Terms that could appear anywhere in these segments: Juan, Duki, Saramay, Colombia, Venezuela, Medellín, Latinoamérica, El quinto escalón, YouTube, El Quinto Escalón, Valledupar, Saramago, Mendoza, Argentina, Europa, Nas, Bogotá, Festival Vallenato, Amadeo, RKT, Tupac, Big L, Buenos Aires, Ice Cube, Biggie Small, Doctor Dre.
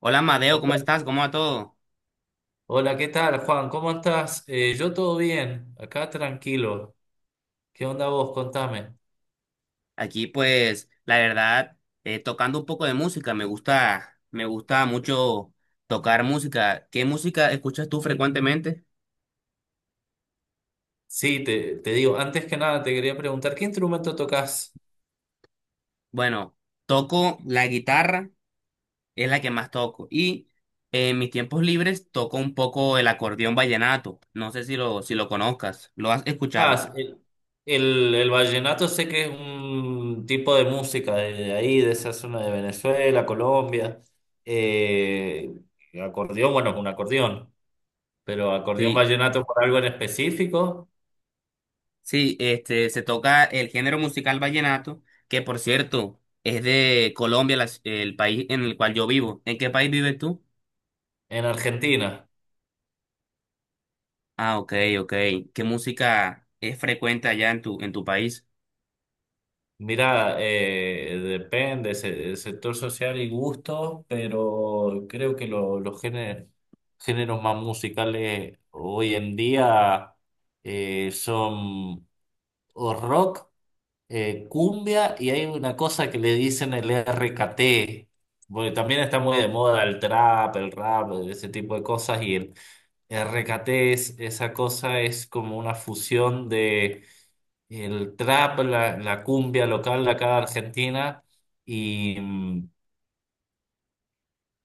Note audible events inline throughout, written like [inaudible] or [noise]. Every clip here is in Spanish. Hola Madeo, Hola, ¿cómo estás? ¿Cómo va todo? ¿Qué tal, Juan? ¿Cómo estás? Yo todo bien, acá tranquilo. ¿Qué onda vos? Contame. Aquí pues, la verdad, tocando un poco de música, me gusta mucho tocar música. ¿Qué música escuchas tú frecuentemente? Sí, te digo, antes que nada te quería preguntar, ¿qué instrumento tocas? Bueno, toco la guitarra, es la que más toco. En mis tiempos libres toco un poco el acordeón vallenato. No sé si lo conozcas, ¿lo has escuchado? Ah, el, el vallenato sé que es un tipo de música de ahí, de esa zona de Venezuela, Colombia. Eh, acordeón, bueno, es un acordeón, pero acordeón Sí. vallenato por algo en específico Sí, este, se toca el género musical vallenato, que por cierto es de Colombia, el país en el cual yo vivo. ¿En qué país vives tú? en Argentina. Ah, ok, ok. ¿Qué música es frecuente allá en tu país? Mira, depende, el sector social y gusto, pero creo que géneros más musicales hoy en día son o rock, cumbia y hay una cosa que le dicen el RKT, porque también está muy de moda el trap, el rap, ese tipo de cosas y el RKT es, esa cosa es como una fusión el trap, la cumbia local de acá de Argentina y,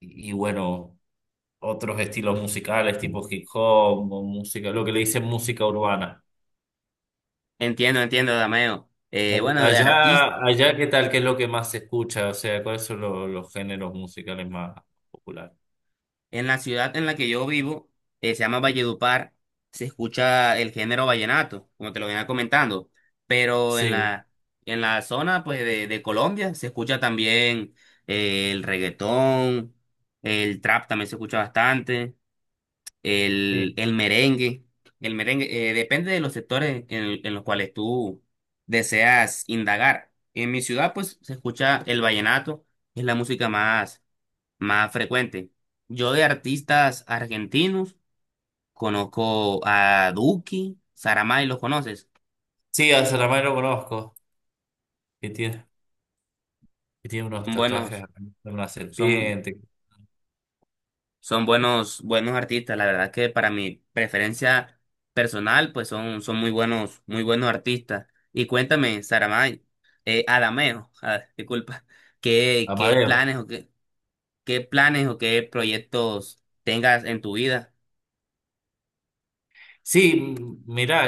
y bueno, otros estilos musicales tipo hip hop, o música, lo que le dicen música urbana. Entiendo, entiendo, Dameo. Bueno, de artistas. Allá, ¿qué tal? ¿Qué es lo que más se escucha? O sea, ¿cuáles son los géneros musicales más populares? En la ciudad en la que yo vivo, se llama Valledupar, se escucha el género vallenato, como te lo venía comentando, pero Sí, en la zona pues, de Colombia se escucha también el reggaetón, el trap también se escucha bastante, el, sí. el merengue, el merengue, depende de los sectores en los cuales tú deseas indagar. En mi ciudad pues se escucha el vallenato, es la música más más frecuente. Yo de artistas argentinos conozco a Duki, Saramay, ¿los conoces? Sí, a Saramago lo conozco, que tiene, que tiene unos Son tatuajes, buenos, de una son, serpiente, son buenos, buenos artistas. La verdad que para mi preferencia personal, pues son, son muy buenos artistas. Y cuéntame, Saramay, Adameo, [laughs] ah, disculpa, ¿ qué Amadeo. planes o qué, qué planes o qué proyectos tengas en tu vida? Sí, mira,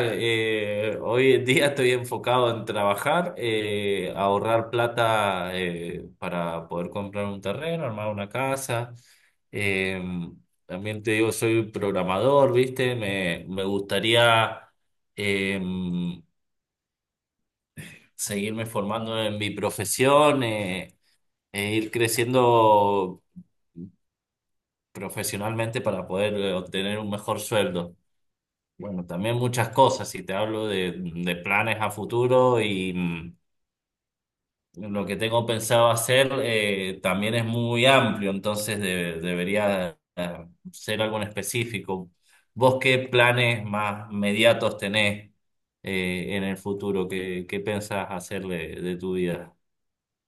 hoy en día estoy enfocado en trabajar, ahorrar plata para poder comprar un terreno, armar una casa. Eh, también te digo, soy programador, ¿viste? Me gustaría eh, seguirme formando en mi profesión e ir creciendo profesionalmente para poder obtener un mejor sueldo. Bueno, también muchas cosas. Si te hablo de planes a futuro y lo que tengo pensado hacer también es muy amplio, entonces debería ser algo en específico. ¿Vos qué planes más inmediatos tenés en el futuro? ¿Qué, qué pensás hacer de tu vida?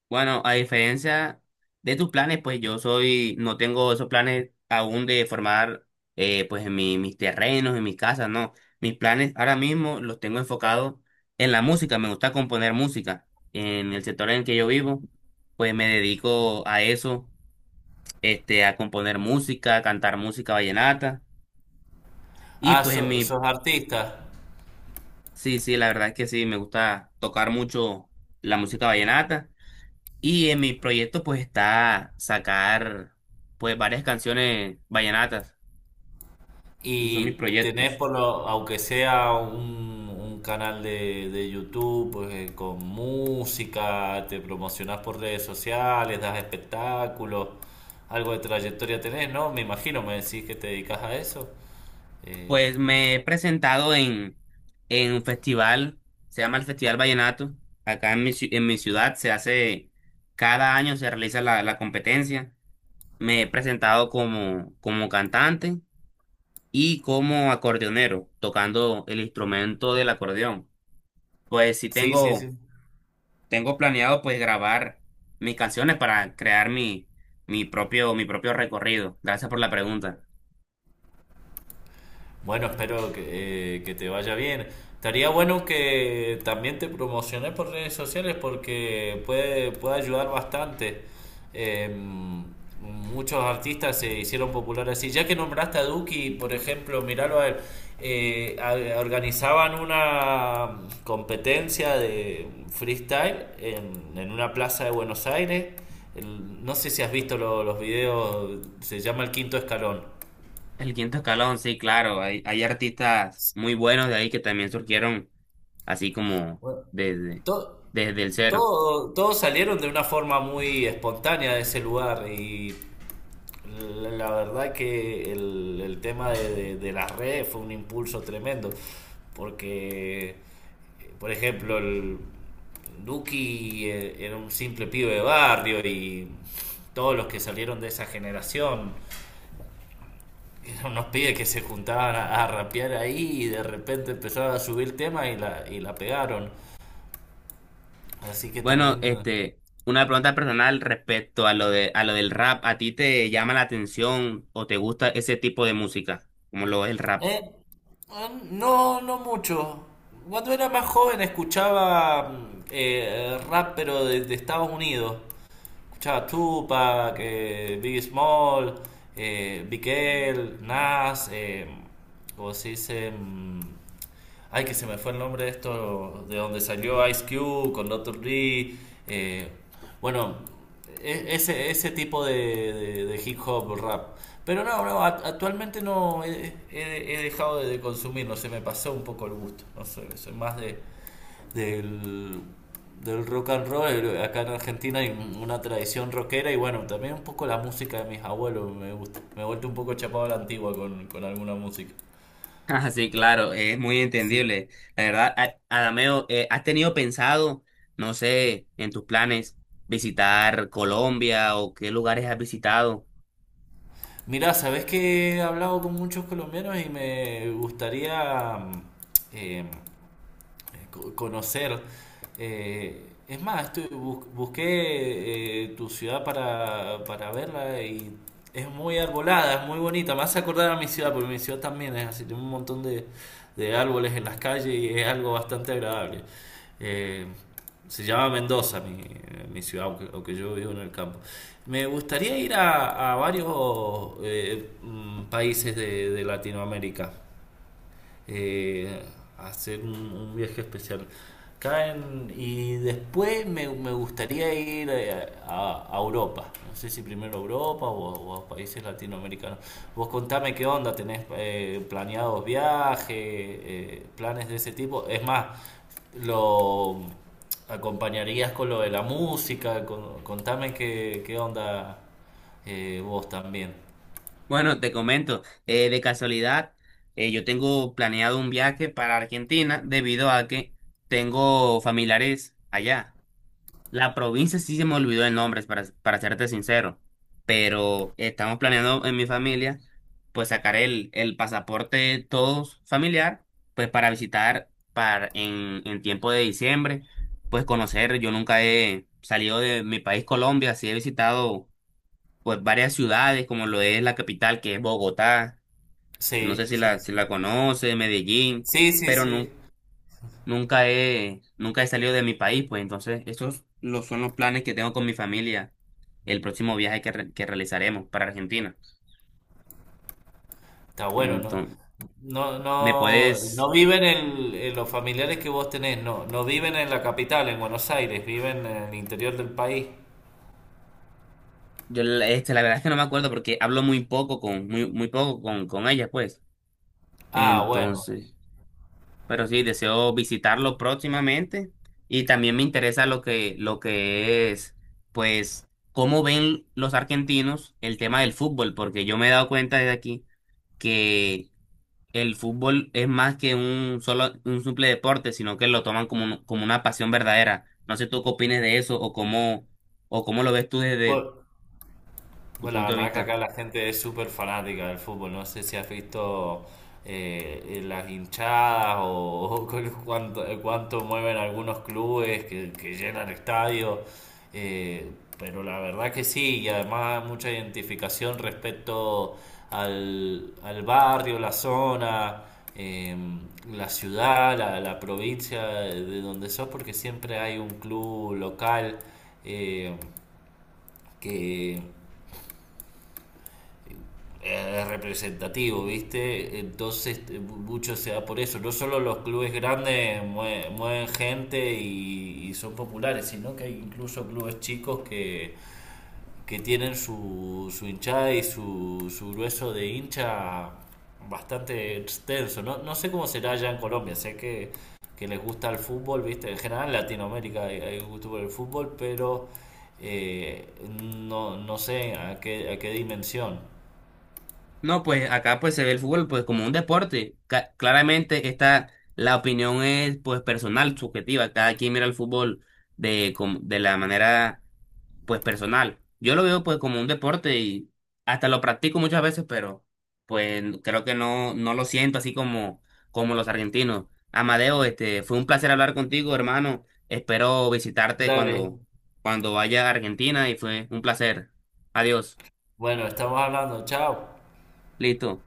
Bueno, a diferencia de tus planes, pues yo soy, no tengo esos planes aún de formar pues en mis terrenos, en mis casas, no. Mis planes ahora mismo los tengo enfocados en la música, me gusta componer música. En el sector en el que yo vivo, pues me dedico a eso, este, a componer música, a cantar música vallenata. Y Ah, pues en mi, sos artista. sí, sí, la verdad es que sí, me gusta tocar mucho la música vallenata. Y en mi proyecto pues está sacar pues varias canciones vallenatas. Esos son mis Y tenés proyectos. por lo, aunque sea un canal de YouTube, pues con música, te promocionás por redes sociales, das espectáculos, algo de trayectoria tenés, ¿no? Me imagino, me decís que te dedicas a eso. Eh, Pues me he presentado en un festival, se llama el Festival Vallenato. Acá en mi, en mi ciudad se hace, cada año se realiza la competencia. Me he presentado como, como cantante y como acordeonero, tocando el instrumento del acordeón. Pues sí sí, sí, sí. tengo tengo planeado pues grabar mis canciones para crear mi, mi propio recorrido. Gracias por la pregunta. Bueno, espero que te vaya bien. Estaría bueno que también te promociones por redes sociales porque puede, puede ayudar bastante. Eh, muchos artistas se hicieron populares así. Ya que nombraste a Duki, por ejemplo, miralo a él, organizaban una competencia de freestyle en una plaza de Buenos Aires. No sé si has visto los videos, se llama El Quinto Escalón. El quinto escalón, sí, claro, hay artistas muy buenos de ahí que también surgieron así como Bueno, desde, to- desde el cero. todos salieron de una forma muy espontánea de ese lugar y la verdad que el tema de, de las redes fue un impulso tremendo porque, por ejemplo, el Duki era un simple pibe de barrio y todos los que salieron de esa generación eran unos pibes que se juntaban a rapear ahí y de repente empezaron a subir temas y la pegaron. Así que Bueno, también este, una pregunta personal respecto a a lo del rap. ¿A ti te llama la atención o te gusta ese tipo de música, como lo es el rap? Eh, no, no mucho. Cuando era más joven escuchaba rap, pero de Estados Unidos. Escuchaba Tupac, Biggie Small, Big L, Nas, ¿cómo se dice? Ay, que se me fue el nombre de esto, de donde salió Ice Cube con Doctor Dre. eh, bueno, ese, ese tipo de, de hip hop o rap. Pero no, no, actualmente no he, he dejado de consumirlo, se me pasó un poco el gusto. No sé, soy más de, del, del rock and roll. Acá en Argentina hay una tradición rockera y bueno, también un poco la música de mis abuelos me gusta. Me he vuelto un poco chapado a la antigua con alguna música. Ah, sí, claro, es muy entendible. La verdad, Adameo, ¿has tenido pensado, no sé, en tus planes visitar Colombia o qué lugares has visitado? Mira, sabes que he hablado con muchos colombianos y me gustaría eh, conocer. Eh, es más, busqué tu ciudad para verla y es muy arbolada, es muy bonita. Me hace acordar a mi ciudad, porque mi ciudad también es así, tiene un montón de árboles en las calles y es algo bastante agradable. Eh, se llama Mendoza, mi ciudad, aunque, aunque yo vivo en el campo. Me gustaría ir a varios países de Latinoamérica eh, hacer un viaje especial. Caen, y después me, me gustaría ir a Europa. No sé si primero a Europa o a países latinoamericanos. Vos contame qué onda, tenés planeados viajes, planes de ese tipo. Es más, lo acompañarías con lo de la música. Contame qué, qué onda vos también. Bueno, te comento, de casualidad, yo tengo planeado un viaje para Argentina debido a que tengo familiares allá. La provincia sí se me olvidó de nombres, para serte sincero, pero estamos planeando en mi familia, pues sacar el pasaporte todos familiar, pues para visitar para, en tiempo de diciembre, pues conocer, yo nunca he salido de mi país Colombia, sí he visitado pues varias ciudades, como lo es la capital, que es Bogotá, no sé Sí, sí, si sí. la conoce, Medellín, Sí, sí, pero sí. Nunca he, nunca he salido de mi país, pues entonces son los planes que tengo con mi familia, el próximo viaje que realizaremos para Argentina. Está bueno, ¿no? Entonces, No, ¿me no, no puedes? viven en los familiares que vos tenés, no, no viven en la capital, en Buenos Aires, viven en el interior del país. Yo este, la verdad es que no me acuerdo porque hablo muy poco con, muy poco con ella, pues. Ah, bueno. Entonces, pero sí, deseo visitarlo próximamente y también me interesa lo que es, pues, cómo ven los argentinos el tema del fútbol, porque yo me he dado cuenta desde aquí que el fútbol es más que un solo, un simple deporte, sino que lo toman como, como una pasión verdadera. No sé tú qué opines de eso o cómo lo ves tú desde Bu- tu pues la punto de verdad que vista. acá la gente es súper fanática del fútbol. No sé si has visto las hinchadas o, [laughs] con cuánto, cuánto mueven algunos clubes que llenan estadios. eh, pero la verdad que sí, y además mucha identificación respecto al, al barrio, la zona, eh, la ciudad, la provincia de donde sos, porque siempre hay un club local eh, que es representativo, ¿viste? Entonces mucho se da por eso. No solo los clubes grandes mueven gente y son populares, sino que hay incluso clubes chicos que tienen su, su hinchada y su grueso de hincha bastante extenso. No, no sé cómo será allá en Colombia, sé que les gusta el fútbol, ¿viste? En general en Latinoamérica hay, hay gusto por el fútbol, pero eh, no, no sé a qué dimensión. No, pues acá pues se ve el fútbol pues como un deporte. Claramente esta, la opinión es pues personal, subjetiva. Cada quien mira el fútbol de la manera pues personal. Yo lo veo pues como un deporte y hasta lo practico muchas veces, pero pues creo que no, no lo siento así como, como los argentinos. Amadeo, este, fue un placer hablar contigo, hermano. Espero visitarte Dale, cuando, cuando vaya a Argentina y fue un placer. Adiós. bueno, estamos hablando. Chao. Listo.